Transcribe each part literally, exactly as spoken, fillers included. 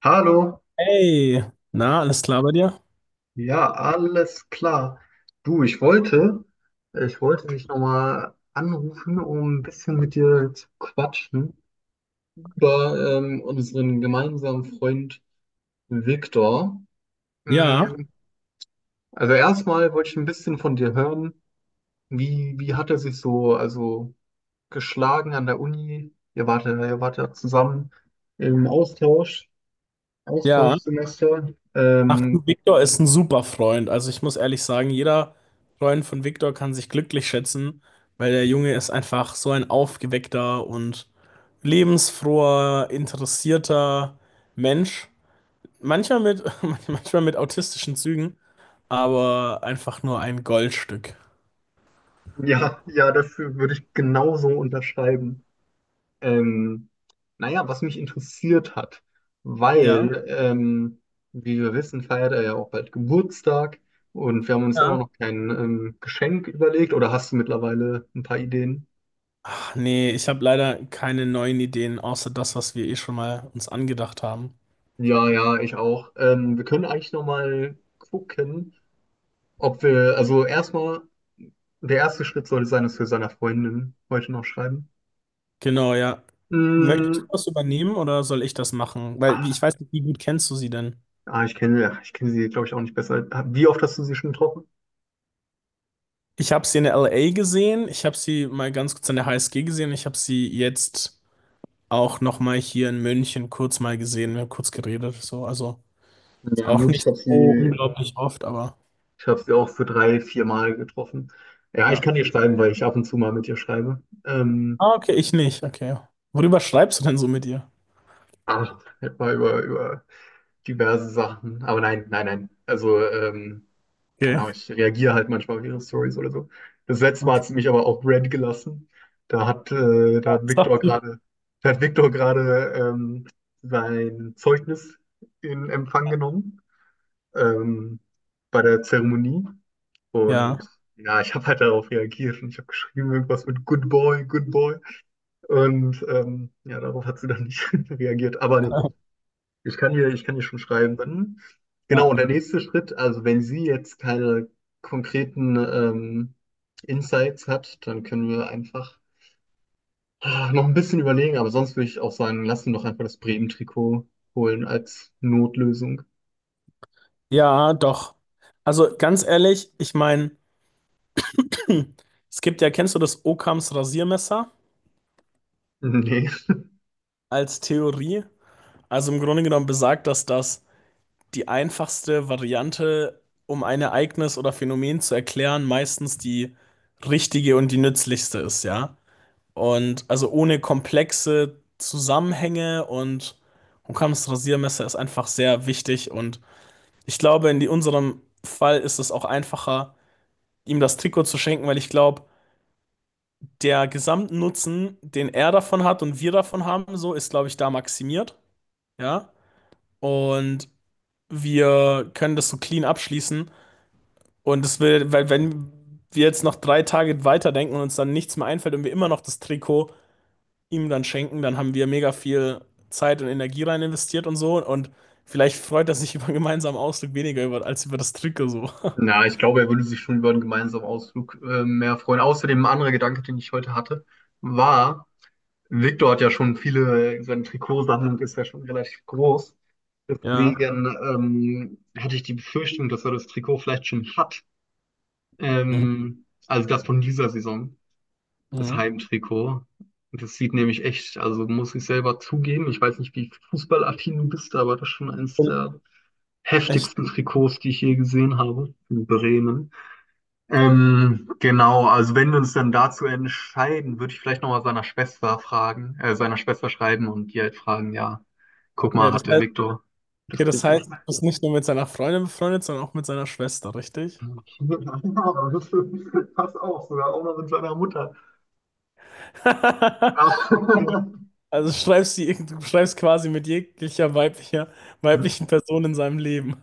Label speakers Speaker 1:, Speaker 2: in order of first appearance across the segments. Speaker 1: Hallo,
Speaker 2: Hey, na, alles klar bei dir?
Speaker 1: ja, alles klar. Du, ich wollte, ich wollte dich nochmal anrufen, um ein bisschen mit dir zu quatschen über ähm, unseren gemeinsamen Freund Viktor.
Speaker 2: Ja,
Speaker 1: Ähm, also erstmal wollte ich ein bisschen von dir hören, wie, wie hat er sich so also geschlagen an der Uni? Ihr wart, ja- ihr wart ja zusammen im Austausch,
Speaker 2: ja.
Speaker 1: Austauschsemester.
Speaker 2: Ach
Speaker 1: Ähm,
Speaker 2: du, Viktor ist ein super Freund. Also ich muss ehrlich sagen, jeder Freund von Viktor kann sich glücklich schätzen, weil der Junge ist einfach so ein aufgeweckter und lebensfroher, interessierter Mensch. Manchmal mit, manchmal mit autistischen Zügen, aber einfach nur ein Goldstück.
Speaker 1: ja, ja, das würde ich genauso unterschreiben. Ähm, naja, was mich interessiert hat,
Speaker 2: Ja.
Speaker 1: weil, ähm, wie wir wissen, feiert er ja auch bald Geburtstag und wir haben uns immer
Speaker 2: Ja.
Speaker 1: noch kein ähm, Geschenk überlegt, oder hast du mittlerweile ein paar Ideen?
Speaker 2: Ach nee, ich habe leider keine neuen Ideen, außer das, was wir eh schon mal uns angedacht haben.
Speaker 1: Ja, ja, ich auch. Ähm, wir können eigentlich nochmal gucken, ob wir, also erstmal, der erste Schritt sollte sein, dass wir seiner Freundin heute noch schreiben.
Speaker 2: Genau, ja. Möchtest
Speaker 1: Mm,
Speaker 2: du das übernehmen oder soll ich das machen? Weil wie- ich weiß nicht, wie gut kennst du sie denn?
Speaker 1: ah, ich kenne, ja, ich kenne sie, glaube ich, auch nicht besser. Wie oft hast du sie schon getroffen?
Speaker 2: Ich habe sie in der L A gesehen, ich habe sie mal ganz kurz an der H S G gesehen, ich habe sie jetzt auch noch mal hier in München kurz mal gesehen, wir haben kurz geredet, so, also ist
Speaker 1: Ja,
Speaker 2: auch
Speaker 1: gut, ich
Speaker 2: nicht
Speaker 1: habe
Speaker 2: so
Speaker 1: sie
Speaker 2: unglaublich oft, aber
Speaker 1: Ich habe sie auch für drei, vier Mal getroffen. Ja, ich
Speaker 2: ja.
Speaker 1: kann ihr schreiben, weil ich ab und zu mal mit ihr schreibe. Ähm,
Speaker 2: Ah, okay, ich nicht, okay. Worüber schreibst du denn so mit ihr?
Speaker 1: aber halt mal über, über diverse Sachen. Aber nein, nein, nein. Also, ähm, keine
Speaker 2: Okay,
Speaker 1: Ahnung, ich reagiere halt manchmal auf ihre Stories oder so. Das letzte Mal
Speaker 2: okay.
Speaker 1: hat sie mich aber auch red gelassen. Da hat, äh, da
Speaker 2: Ja,
Speaker 1: hat
Speaker 2: ist
Speaker 1: Viktor
Speaker 2: doch-
Speaker 1: gerade, da hat Viktor gerade ähm, sein Zeugnis in Empfang genommen. ähm, Bei der Zeremonie.
Speaker 2: ja.
Speaker 1: Und ja, ich habe halt darauf reagiert und ich habe geschrieben irgendwas mit Good Boy, Good Boy. Und ähm, ja, darauf hat sie dann nicht reagiert. Aber nee, ich kann ihr, ich kann ihr schon schreiben. Dann. Genau, und
Speaker 2: Ja,
Speaker 1: der nächste Schritt, also wenn sie jetzt keine konkreten ähm, Insights hat, dann können wir einfach ah, noch ein bisschen überlegen. Aber sonst würde ich auch sagen, lass sie doch einfach das Bremen-Trikot holen als Notlösung.
Speaker 2: ja, doch. Also ganz ehrlich, ich meine, hm. Es gibt ja, kennst du das Occams Rasiermesser
Speaker 1: Nee.
Speaker 2: als Theorie? Also im Grunde genommen besagt das, dass die einfachste Variante, um ein Ereignis oder Phänomen zu erklären, meistens die richtige und die nützlichste ist, ja? Und also ohne komplexe Zusammenhänge und Occams Rasiermesser ist einfach sehr wichtig und ich glaube, in die- unserem Fall ist es auch einfacher, ihm das Trikot zu schenken, weil ich glaube, der Gesamtnutzen, den er davon hat und wir davon haben, so ist, glaube ich, da maximiert. Ja. Und wir können das so clean abschließen. Und es will, weil wenn wir jetzt noch drei Tage weiterdenken und uns dann nichts mehr einfällt und wir immer noch das Trikot ihm dann schenken, dann haben wir mega viel Zeit und Energie rein investiert und so. Und vielleicht freut er sich über einen gemeinsamen Ausflug weniger über, als über das Trikot so.
Speaker 1: Na, ich glaube, er würde sich schon über einen gemeinsamen Ausflug äh, mehr freuen. Außerdem ein anderer Gedanke, den ich heute hatte, war, Victor hat ja schon viele, seine Trikotsammlung ist ja schon relativ groß.
Speaker 2: Ja.
Speaker 1: Deswegen ähm, hatte ich die Befürchtung, dass er das Trikot vielleicht schon hat.
Speaker 2: Mhm.
Speaker 1: Ähm, also das von dieser Saison, das
Speaker 2: Mhm.
Speaker 1: Heimtrikot. Und das sieht nämlich echt, also muss ich selber zugeben, ich weiß nicht, wie fußballaffin du bist, aber das ist schon eines der
Speaker 2: Echt.
Speaker 1: heftigsten Trikots, die ich je gesehen habe in Bremen. Ähm, genau, also wenn wir uns dann dazu entscheiden, würde ich vielleicht nochmal seiner Schwester fragen, äh, seiner Schwester schreiben und die halt fragen, ja, guck
Speaker 2: Okay,
Speaker 1: mal,
Speaker 2: das
Speaker 1: hat der
Speaker 2: heißt.
Speaker 1: Viktor das
Speaker 2: Okay, das
Speaker 1: Trikot?
Speaker 2: heißt, du bist nicht nur mit seiner Freundin befreundet, sondern auch mit seiner Schwester, richtig?
Speaker 1: Okay, ja, das passt auch, sogar auch noch mit seiner Mutter. Ja,
Speaker 2: Also schreibst du du schreibst quasi mit jeglicher weiblicher, weiblichen Person in seinem Leben.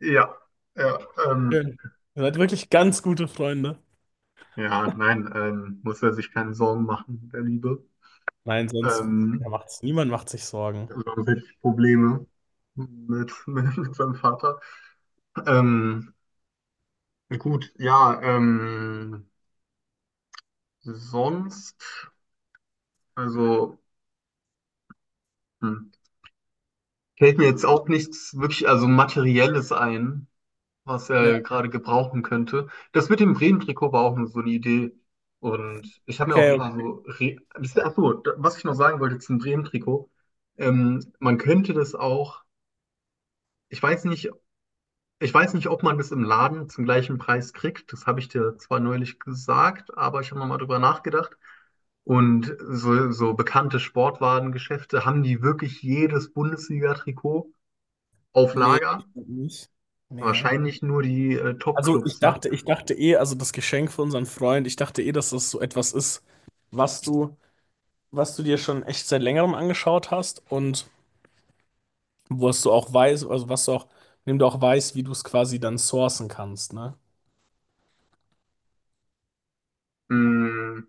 Speaker 1: ja, ja, ähm,
Speaker 2: Schön. Ihr seid wirklich ganz gute Freunde.
Speaker 1: ja nein, ähm, muss er sich keine Sorgen machen, der Liebe.
Speaker 2: Nein, sonst ja,
Speaker 1: Ähm,
Speaker 2: macht's, niemand macht sich Sorgen.
Speaker 1: Sonst hätte ich Probleme mit, mit seinem Vater. Ähm, Gut, ja, ähm, sonst, also, hm, Fällt mir jetzt auch nichts wirklich, also Materielles ein, was er
Speaker 2: Ja,
Speaker 1: gerade gebrauchen könnte. Das mit dem Bremen-Trikot war auch nur so eine Idee. Und ich habe mir auch
Speaker 2: okay.
Speaker 1: ein
Speaker 2: Okay.
Speaker 1: paar so, re ach so, da- was ich noch sagen wollte zum Bremen-Trikot, ähm, man könnte das auch, ich weiß nicht, Ich weiß nicht, ob man das im Laden zum gleichen Preis kriegt. Das habe ich dir zwar neulich gesagt, aber ich habe nochmal drüber nachgedacht. Und so, so bekannte Sportwarengeschäfte haben die wirklich jedes Bundesliga-Trikot auf
Speaker 2: Nee,
Speaker 1: Lager.
Speaker 2: ich glaub nicht. Nee.
Speaker 1: Wahrscheinlich nur die äh,
Speaker 2: Also ich
Speaker 1: Top-Clubs, ne?
Speaker 2: dachte, ich dachte eh, also das Geschenk für unseren Freund, ich dachte eh, dass das so etwas ist, was du, was du dir schon echt seit längerem angeschaut hast und wo was du auch weißt, also was du auch, indem du auch weißt, wie du es quasi dann sourcen kannst, ne?
Speaker 1: Mm,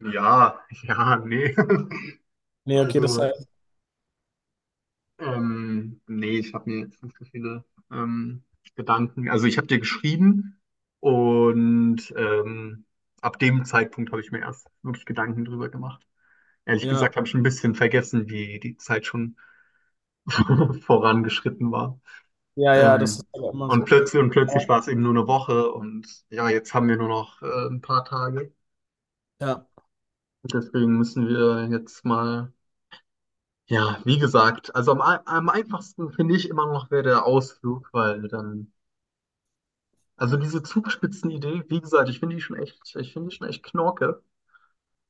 Speaker 1: ja, ja, nee.
Speaker 2: Nee, okay, das
Speaker 1: Also
Speaker 2: heißt,
Speaker 1: Ähm, nee, ich habe mir jetzt nicht so viele ähm, Gedanken. Also ich habe dir geschrieben und ähm, ab dem Zeitpunkt habe ich mir erst wirklich Gedanken drüber gemacht. Ehrlich
Speaker 2: ja,
Speaker 1: gesagt habe ich ein bisschen vergessen, wie die Zeit schon vorangeschritten war.
Speaker 2: ja, ja, das
Speaker 1: Ähm,
Speaker 2: ist aber immer
Speaker 1: und
Speaker 2: so.
Speaker 1: plötzlich und plötzlich
Speaker 2: Aber-
Speaker 1: war es eben nur eine Woche und ja, jetzt haben wir nur noch äh, ein paar Tage.
Speaker 2: ja,
Speaker 1: Deswegen müssen wir jetzt mal, ja, wie gesagt, also am, ei- am einfachsten finde ich immer noch wäre der Ausflug, weil dann also diese Zugspitzenidee, wie gesagt, ich finde die schon echt, ich finde die schon echt knorke.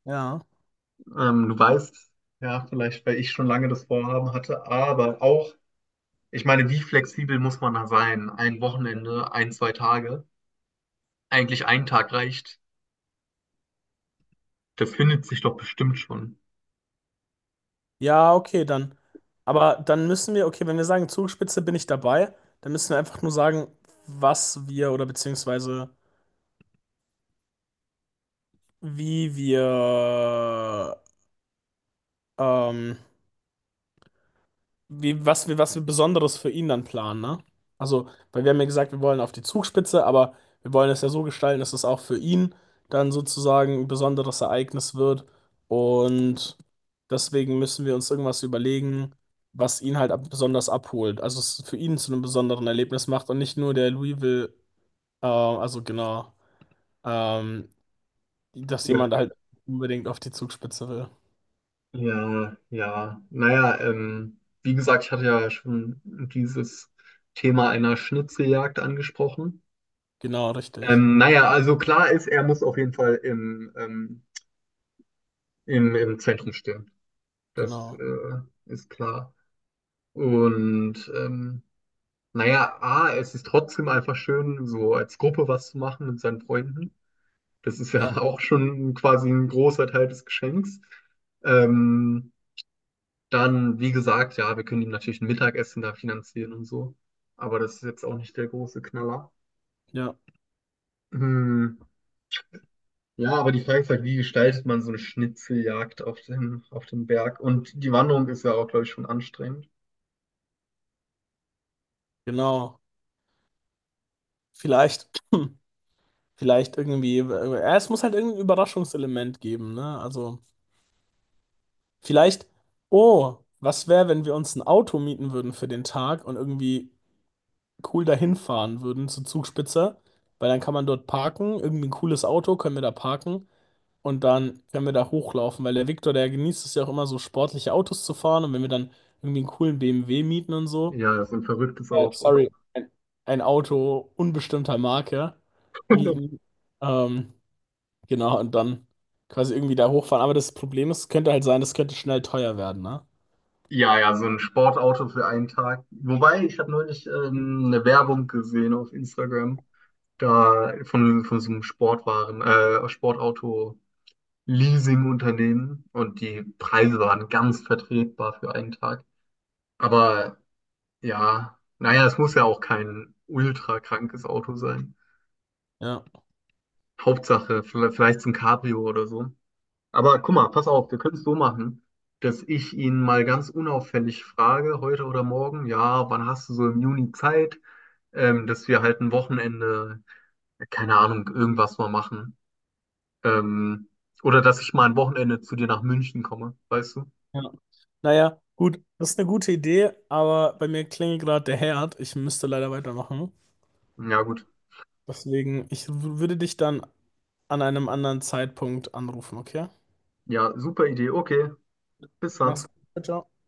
Speaker 2: ja,
Speaker 1: Ähm, du weißt, ja, vielleicht, weil ich schon lange das Vorhaben hatte, aber auch, ich meine, wie flexibel muss man da sein? Ein Wochenende, ein, zwei Tage? Eigentlich ein Tag reicht. Das findet sich doch bestimmt schon.
Speaker 2: ja, okay, dann. Aber dann müssen wir, okay, wenn wir sagen Zugspitze bin ich dabei, dann müssen wir einfach nur sagen, was wir oder beziehungsweise wie wir ähm, wie, was wir, was wir Besonderes für ihn dann planen, ne? Also, weil wir haben ja gesagt, wir wollen auf die Zugspitze, aber wir wollen es ja so gestalten, dass es auch für ihn dann sozusagen ein besonderes Ereignis wird. Und deswegen müssen wir uns irgendwas überlegen, was ihn halt ab besonders abholt. Also es für ihn zu einem besonderen Erlebnis macht und nicht nur der Louisville, äh, also genau, ähm, dass
Speaker 1: Ja,
Speaker 2: jemand halt unbedingt auf die Zugspitze will.
Speaker 1: ja, ja. Naja, ähm, wie gesagt, ich hatte ja schon dieses Thema einer Schnitzeljagd angesprochen.
Speaker 2: Genau, richtig.
Speaker 1: Ähm, naja, also klar ist, er muss auf jeden Fall im, ähm, im, im Zentrum stehen. Das
Speaker 2: Genau.
Speaker 1: äh, ist klar. Und ähm, naja, A, es ist trotzdem einfach schön, so als Gruppe was zu machen mit seinen Freunden. Das ist
Speaker 2: Ja,
Speaker 1: ja auch schon quasi ein großer Teil des Geschenks. Ähm, Dann, wie gesagt, ja, wir können ihm natürlich ein Mittagessen da finanzieren und so. Aber das ist jetzt auch nicht der große Knaller.
Speaker 2: ja,
Speaker 1: Hm, ja, aber die Frage ist halt, wie gestaltet man so eine Schnitzeljagd auf dem, auf dem Berg? Und die Wanderung ist ja auch, glaube ich, schon anstrengend.
Speaker 2: genau. Vielleicht. Vielleicht irgendwie, äh, ja, es muss halt irgendein Überraschungselement geben, ne? Also, vielleicht, oh, was wäre, wenn wir uns ein Auto mieten würden für den Tag und irgendwie cool dahin fahren würden zur Zugspitze? Weil dann kann man dort parken, irgendwie ein cooles Auto können wir da parken und dann können wir da hochlaufen, weil der Viktor, der genießt es ja auch immer so sportliche Autos zu fahren und wenn wir dann irgendwie einen coolen B M W mieten und so,
Speaker 1: Ja, so ein verrücktes
Speaker 2: äh,
Speaker 1: Auto.
Speaker 2: sorry, ein, ein Auto unbestimmter Marke mieten, ähm, genau, und dann quasi irgendwie da hochfahren. Aber das Problem ist, könnte halt sein, das könnte schnell teuer werden, ne?
Speaker 1: Ja, ja, so ein Sportauto für einen Tag. Wobei, ich habe neulich ähm, eine Werbung gesehen auf Instagram, da von, von so einem Sportwaren, äh, Sportauto-Leasing-Unternehmen und die Preise waren ganz vertretbar für einen Tag. Aber ja, naja, es muss ja auch kein ultra krankes Auto sein.
Speaker 2: Ja.
Speaker 1: Hauptsache, vielleicht, vielleicht so ein Cabrio oder so. Aber guck mal, pass auf, wir können es so machen, dass ich ihn mal ganz unauffällig frage, heute oder morgen, ja, wann hast du so im Juni Zeit, ähm, dass wir halt ein Wochenende, keine Ahnung, irgendwas mal machen. Ähm, oder dass ich mal ein Wochenende zu dir nach München komme, weißt du?
Speaker 2: Ja. Naja, gut, das ist eine gute Idee, aber bei mir klingelt gerade der Herd. Ich müsste leider weitermachen.
Speaker 1: Ja, gut.
Speaker 2: Deswegen, ich w- würde dich dann an einem anderen Zeitpunkt anrufen, okay?
Speaker 1: Ja, super Idee. Okay, bis
Speaker 2: Mach's
Speaker 1: dann.
Speaker 2: gut. Ciao, ciao.